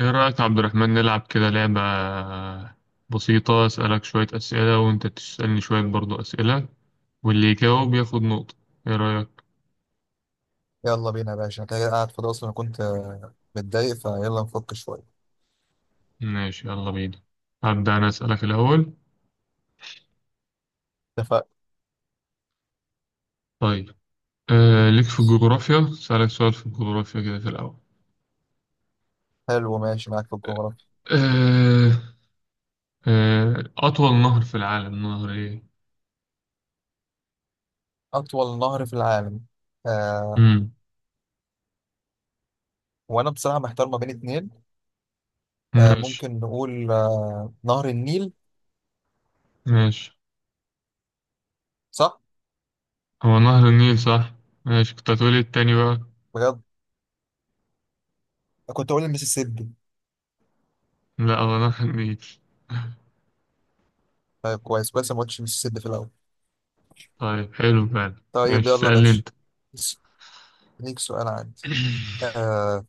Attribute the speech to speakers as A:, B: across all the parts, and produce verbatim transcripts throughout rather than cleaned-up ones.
A: ايه رأيك يا عبد الرحمن، نلعب كده لعبة بسيطة؟ أسألك شوية أسئلة وأنت تسألني شوية برضو أسئلة، واللي يجاوب ياخد نقطة. ايه رأيك؟
B: يلا بينا يا باشا، انا كده قاعد فاضي اصلا. أنا كنت آه، متضايق فيلا نفك شويه.
A: ماشي، يلا بينا. هبدأ أنا أسألك الأول.
B: اتفقنا.
A: طيب. آه ليك في الجغرافيا، أسألك سؤال في الجغرافيا كده في الأول.
B: حلو، ماشي معاك في الجغرافيا.
A: آه آه أطول نهر في العالم نهر إيه؟
B: اطول نهر في العالم آه
A: مم.
B: وانا بصراحه محتار ما بين اتنين. آه
A: ماشي.
B: ممكن نقول آه نهر النيل،
A: ماشي،
B: صح
A: هو نهر النيل صح؟ ماشي، كنت هتقولي التاني بقى.
B: بجد؟ كنت اقول المسيسيبي.
A: لا، هو نهر النيل.
B: طيب كويس كويس، أنا ما قلتش المسيسيبي في الاول.
A: طيب، حلو فعلا.
B: طيب
A: ماشي،
B: يلا يا
A: اسألني
B: باشا.
A: أنت.
B: بس- ليك سؤال عندي. آه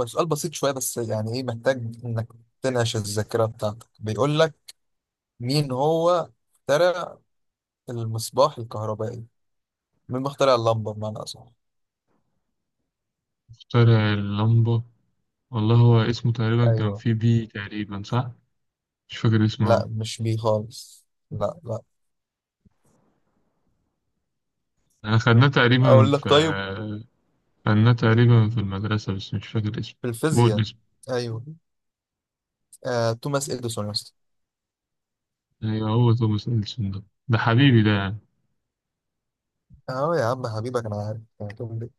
B: هو سؤال بسيط شويه بس يعني ايه، محتاج انك تنعش الذاكره بتاعتك. بيقول لك مين هو اخترع المصباح الكهربائي؟ مين مخترع اللمبة بمعنى أصح؟
A: شارع اللمبة، والله هو اسمه تقريبا كان
B: أيوه.
A: في بي تقريبا صح؟ مش فاكر اسمه
B: لا
A: أوي.
B: مش بيه خالص، لا لا.
A: أنا خدناه تقريبا
B: أقول لك
A: في
B: طيب.
A: خدناه تقريبا في المدرسة بس مش فاكر اسمه.
B: في
A: قول
B: الفيزياء.
A: اسمه.
B: أيوه. آه، توماس إديسون يا اسطى.
A: أيوه، هو توماس إديسون ده، ده حبيبي ده يعني.
B: أه يا عم، حبيبك أنا عارف يعني تقول لي.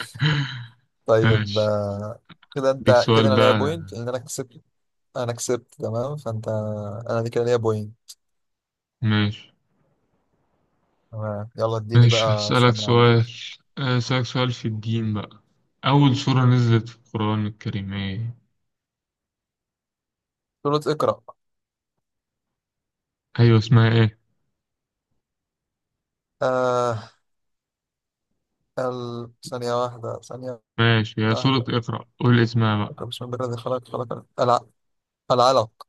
B: طيب
A: ماشي،
B: آه، كده
A: أديك
B: أنت
A: سؤال
B: كده، أنا ليا
A: بقى.
B: بوينت لأن أنا كسبت. أنا كسبت تمام فأنت. أنا دي كده ليا بوينت.
A: ماشي.
B: تمام، يلا اديني
A: ماشي،
B: بقى
A: هسألك
B: سؤال من عندي.
A: سؤال هسألك سؤال في الدين بقى. أول سورة نزلت في القرآن الكريم إيه؟
B: سورة اقرأ.
A: أيوه، اسمها إيه؟
B: آه ال... ثانية واحدة، ثانية
A: ماشي، هي سورة
B: واحدة.
A: اقرأ، قول اسمها بقى.
B: اقرأ بسم الله الذي خلق، خلق الع- العلق.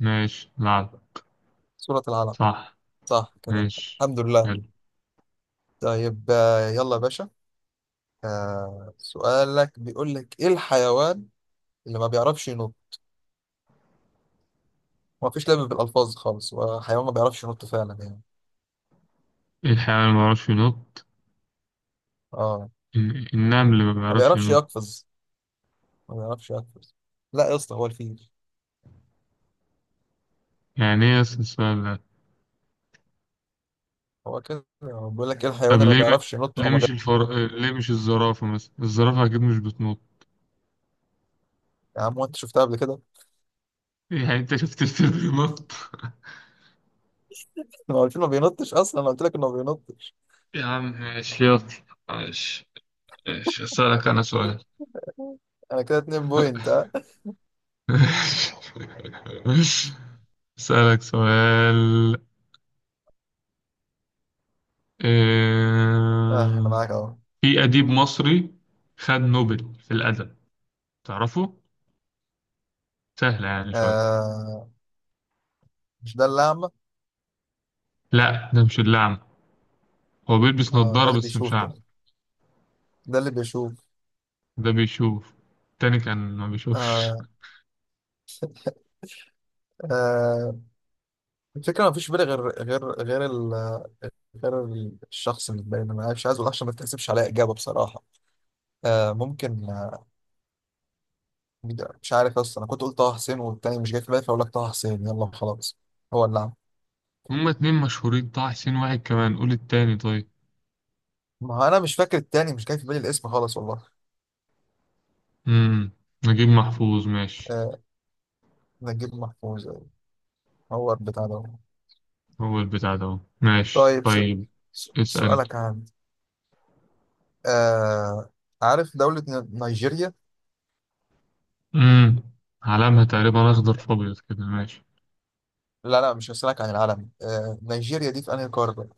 A: ماشي، العب.
B: سورة العلق.
A: صح.
B: صح كده.
A: ماشي،
B: الحمد لله.
A: حلو.
B: طيب آه، يلا يا باشا. آه، سؤالك بيقول لك ايه الحيوان اللي ما بيعرفش ينط؟ ما فيش لعب بالالفاظ خالص، هو حيوان ما بيعرفش ينط فعلا يعني.
A: ايه الحيوان اللي ما بيعرفش ينط؟
B: اه،
A: الن- النمل اللي ما
B: ما
A: بيعرفش
B: بيعرفش
A: ينط.
B: يقفز، ما بيعرفش يقفز. لا يا اسطى، هو الفيل.
A: يعني ايه اصل السؤال ده؟
B: هو كده، هو بيقول لك ايه
A: طب
B: الحيوان اللي ما
A: ليه م...
B: بيعرفش ينط
A: ليه
B: او ما
A: مش
B: بيعرفش.
A: الفر... ليه مش الزرافة مثلا؟ الزرافة اكيد مش بتنط.
B: يا عم، هو انت شفتها قبل كده؟
A: يعني انت شفت الفيلم ينط؟
B: ما هو الفيل ما بينطش اصلا، انا قلت لك انه ما بينطش.
A: يا عم ماشي، يلا. ماشي. ماشي، اسألك انا سؤال.
B: انا كده اتنين بوينت اه.
A: اسألك سؤال.
B: آه، انا
A: آه،
B: معاك اهو.
A: في أديب مصري خد نوبل في الأدب، تعرفه؟ سهلة يعني شوية.
B: آه، مش ده اللي اعمى؟
A: لا، ده مش الأعمى. هو بيلبس
B: اه، ده
A: نضارة
B: اللي
A: بس مش
B: بيشوف
A: أعمى.
B: ده ده اللي بيشوف.
A: ده بيشوف، التاني كان ما بيشوفش.
B: آه آه. الفكره ما فيش في بالي غير غير غير ال... غير ال- الشخص اللي باين. انا مش عايز اقول عشان ما تحسبش عليا اجابه بصراحه. آه ممكن آه مش عارف اصلا. انا كنت قلت طه حسين، والتاني مش جاي في بالي، فاقول لك طه حسين يلا وخلاص. هو اللي عمل.
A: هما اتنين مشهورين، طه حسين واحد، كمان قول التاني طيب.
B: ما هو انا مش فاكر التاني، مش جاي في بالي الاسم خالص والله.
A: امم، نجيب محفوظ. ماشي،
B: آه نجيب محفوظ، أيوة. هو البتاع ده.
A: هو البتاع ده اهو. ماشي
B: طيب س...
A: طيب،
B: س...
A: اسأل.
B: سؤالك عن آه عارف دوله ن- نيجيريا.
A: امم، علامها تقريبا أخضر في أبيض كده، ماشي.
B: لا لا، مش هسألك عن العالم. آه نيجيريا دي في انهي قاره؟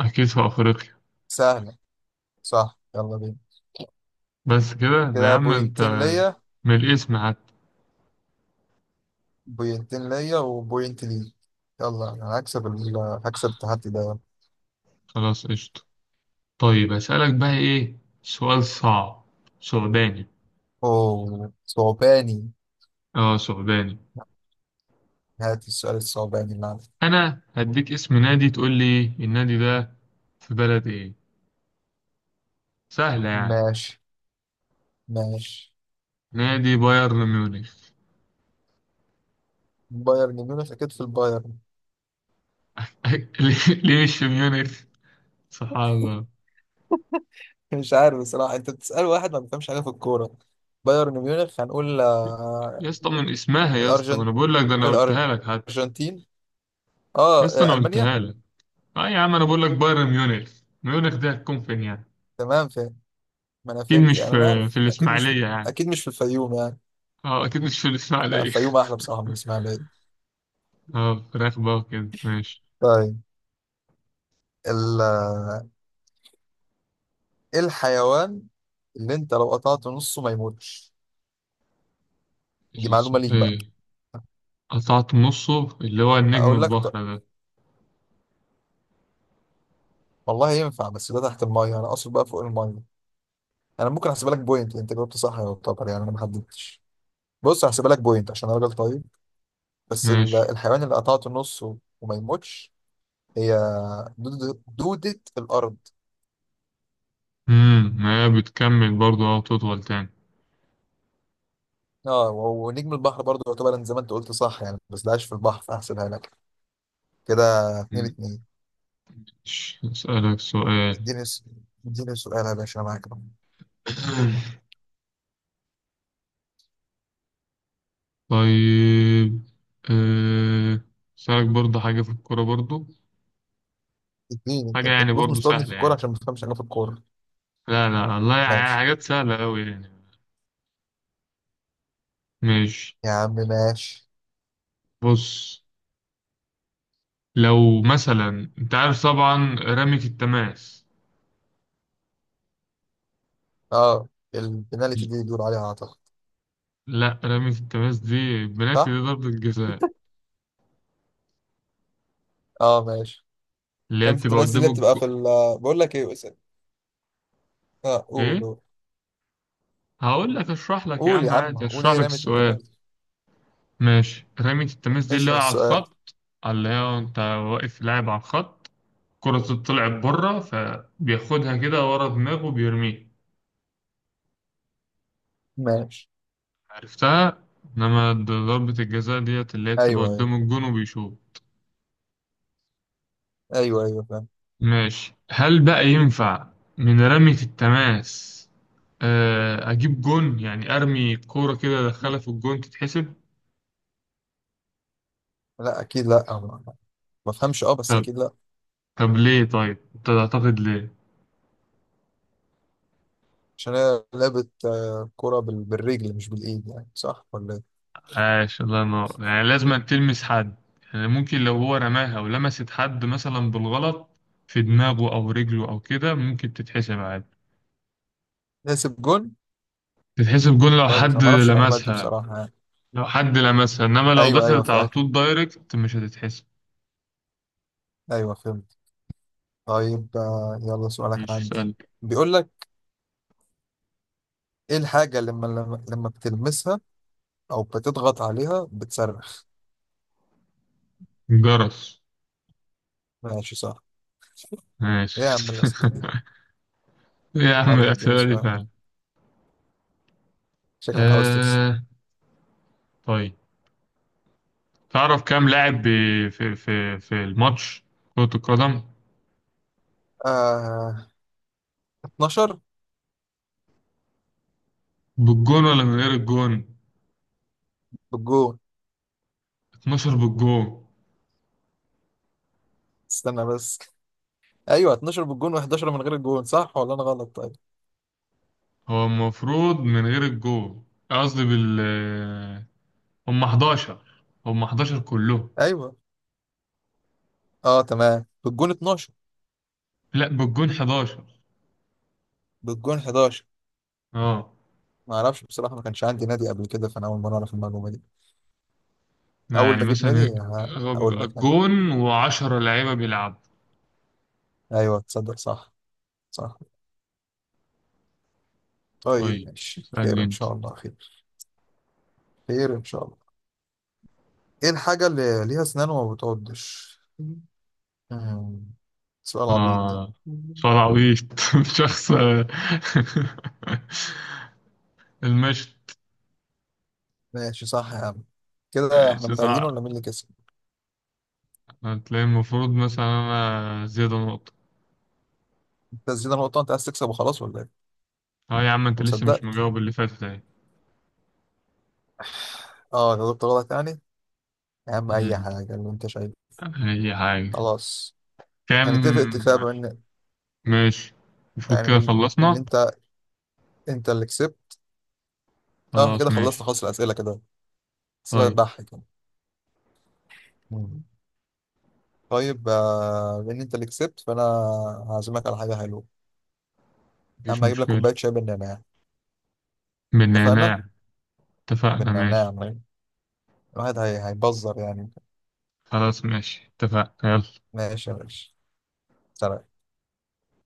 A: أكيد في أفريقيا.
B: سهله. صح يلا بينا،
A: بس كده ده يا
B: كده
A: عم أنت،
B: بوينتين ليا.
A: من الاسم حتى.
B: بوينتين ليا وبوينت ليك. يلا انا هكسب ال... هكسب التحدي ده.
A: خلاص قشطة. طيب أسألك بقى إيه، سؤال صعب، ثعباني.
B: اوه صعباني،
A: اه ثعباني.
B: هات السؤال الصعباني اللي عندك.
A: انا هديك اسم نادي، تقول لي النادي ده في بلد ايه. سهلة يعني.
B: ماشي ماشي.
A: نادي بايرن ميونخ.
B: بايرن ميونخ، اكيد في البايرن.
A: ليه ليه مش في ميونخ؟ سبحان الله.
B: مش عارف بصراحة، انت بتسأل واحد ما بيفهمش حاجة في الكورة. بايرن ميونخ هنقول
A: يا
B: آه،
A: اسطى من اسمها، يا اسطى، ما
B: الارجنت
A: انا بقول لك ده، انا قلتها لك حتى.
B: الارجنتين.
A: يا
B: اه
A: اسطى
B: آه،
A: انا
B: المانيا.
A: قلتها لك. اه يا عم انا بقول لك بايرن ميونخ. ميونخ دي هتكون فين يعني؟
B: تمام فاهم. ما انا
A: اكيد
B: فهمت
A: مش
B: يعني،
A: في
B: انا عارف
A: في
B: اكيد مش.
A: الاسماعيلية يعني.
B: اكيد مش في الفيوم يعني.
A: اه اكيد مش في
B: لا
A: الاسماعيلية.
B: الفيوم احلى بصراحة من الاسماعيلية.
A: اه، فراخ بقى وكده، ماشي.
B: طيب ال- ايه الحيوان اللي انت لو قطعت نصه ما يموتش؟ دي معلومة
A: الاسم
B: ليك بقى.
A: ايه؟ قطعت نصه، اللي هو النجم
B: اقول لك طب.
A: البحر ده.
B: والله ينفع بس ده تحت المية، انا اقصد بقى فوق المية. انا ممكن احسبها لك بوينت، انت جاوبت صح يعتبر يعني، انا ما حددتش. بص هحسبها لك بوينت عشان انا راجل طيب. بس ال-
A: ماشي.
B: الحيوان اللي قطعته نصه وما يموتش هي دودة, دودة الارض.
A: امم، هي بتكمل برضو أو تطول تاني.
B: اه و- ونجم البحر برضه يعتبر، أنا زي ما انت قلت صح يعني، بس ده عايش في البحر فاحسبها لك كده. اتنين
A: مم.
B: اتنين.
A: ش- أسألك سؤال.
B: اديني س- اديني سؤال يا باشا انا معاك.
A: طيب. آه، أسألك برضو حاجة في الكورة برضو.
B: اديني انت،
A: حاجة
B: انت
A: يعني
B: بتبص
A: برضو
B: مصطادني في
A: سهلة
B: الكوره
A: يعني.
B: عشان ما تفهمش حاجه في الكوره.
A: لا لا والله يعني
B: ماشي
A: حاجات سهلة أوي يعني. ماشي.
B: يا عم ماشي.
A: بص، لو مثلا أنت عارف طبعا رمية التماس.
B: اه، البنالتي دي اللي بيقولوا عليها اعتقد.
A: لا، رمية التماس دي بنالتي، دي
B: صح
A: ضربة الجزاء
B: اه ماشي.
A: اللي هي
B: رمية
A: بتبقى
B: التماس دي
A: قدام
B: اللي بتبقى
A: الجو.
B: في ال. بقول لك ايه اسال. اه قول
A: إيه؟
B: قول.
A: هقول لك، أشرح لك يا
B: قول
A: عم،
B: يا
A: عادي
B: عم قول،
A: أشرح
B: ايه
A: لك
B: رمية
A: السؤال.
B: التماس؟
A: ماشي، رمية التماس دي اللي هي
B: اشرح
A: على
B: السؤال.
A: الخط. اللي هي انت واقف لاعب على الخط، الكرة طلعت بره فبياخدها كده ورا دماغه وبيرميها.
B: ماشي.
A: عرفتها. انما د- ضربة الجزاء ديت اللي هي بتبقى
B: ايوه
A: قدام
B: ايوه.
A: الجون وبيشوط.
B: ايوه ايوه فاهم.
A: ماشي، هل بقى ينفع من رمية التماس آه، اجيب جون؟ يعني ارمي كورة كده ادخلها في الجون، تتحسب؟
B: لا اكيد لا، أو ما، ما بفهمش اه بس
A: طب
B: اكيد لا.
A: طب ليه، طيب انت تعتقد ليه؟
B: عشان هي لعبة آه، كرة بال- بالرجل مش بالايد يعني، صح ولا ايه؟
A: عاش، الله ينور، يعني لازم تلمس حد. يعني ممكن لو هو رماها ولمست حد مثلا بالغلط في دماغه أو رجله أو كده ممكن تتحسب عادي.
B: نسب جون.
A: تتحسب جول لو
B: كويس،
A: حد
B: انا ما اعرفش المعلومات دي
A: لمسها.
B: بصراحة يعني.
A: لو حد لمسها إنما لو
B: ايوه ايوه
A: دخلت على
B: فاهم،
A: طول دايركت مش هتتحسب.
B: ايوه فهمت. طيب آه، يلا سؤالك
A: مش
B: عندي.
A: سؤال،
B: بيقول لك ايه الحاجة اللي لما لما لما بتلمسها او بتضغط عليها بتصرخ؟
A: جرس.
B: ماشي صح.
A: ماشي.
B: ايه يا عم الاسئلة دي.
A: يا عم
B: يلا اديني
A: الأسئلة دي
B: سؤال،
A: فعلا.
B: شكلك عاوز تكسب.
A: آه. طيب، تعرف كام لاعب ب- في في في الماتش، كرة القدم؟
B: آه اتناشر
A: بالجون ولا من غير الجون؟
B: بالجون.
A: اثنا عشر بالجون.
B: استنى بس، ايوه اتناشر بالجون و11 من غير الجون، صح ولا انا غلط؟ طيب
A: هو المفروض من غير الجول، قصدي بال، هم حداشر، هم حداشر كلهم.
B: ايوه. اه تمام بالجون اتناشر.
A: لا، بالجون حداشر.
B: بالجون حداشر.
A: اه،
B: ما اعرفش بصراحة، ما كانش عندي نادي قبل كده فانا اول مرة اعرف المعلومة دي. اول
A: يعني
B: ما اجيب
A: مثلا
B: نادي ه-
A: هو
B: هقول
A: بيبقى
B: لك يعني.
A: الجون و10 لعيبة بيلعبوا.
B: ايوه تصدق صح. صح. طيب
A: طيب
B: ماشي، خير
A: اسألني
B: ان
A: انت.
B: شاء الله خير. خير ان شاء الله. ايه الحاجة اللي ليها اسنان وما بتعضش؟ مم، سؤال عبيط ده.
A: اه، صراويط شخص، المشط.
B: ماشي صح يا عم. كده احنا
A: ماشي
B: متعادلين
A: صح.
B: ولا مين اللي كسب؟
A: هتلاقي المفروض مثلا انا زيادة نقطة.
B: انت زيادة نقطة؟ انت عايز تكسب وخلاص ولا ايه انت؟
A: اه يا عم انت لسه مش
B: مصدقت.
A: مجاوب اللي فاتت اهي.
B: اه جاوبت غلط يعني. يا عم اي
A: مم.
B: حاجة اللي انت شايفه.
A: اي حاجة،
B: خلاص. هنتفق
A: كام؟
B: اتفاق بان.
A: ماشي، نشوف
B: يعني
A: كده
B: من ان
A: خلصنا.
B: انت، انت اللي كسبت. اه احنا
A: خلاص
B: كده
A: ماشي.
B: خلصنا، خلاص الاسئلة كده، اسئلة
A: طيب،
B: تضحك يعني. طيب آه، لان انت اللي كسبت فانا هعزمك على حاجه حلوه. يا
A: مفيش
B: عم هجيب لك
A: مشكلة.
B: كوبايه شاي بالنعناع. اتفقنا.
A: بالنعناع. اتفقنا
B: بالنعناع.
A: ماشي.
B: الواحد هي- هيبزر يعني.
A: خلاص ماشي، اتفقنا، يلا.
B: ماشي يا باشا. سلام.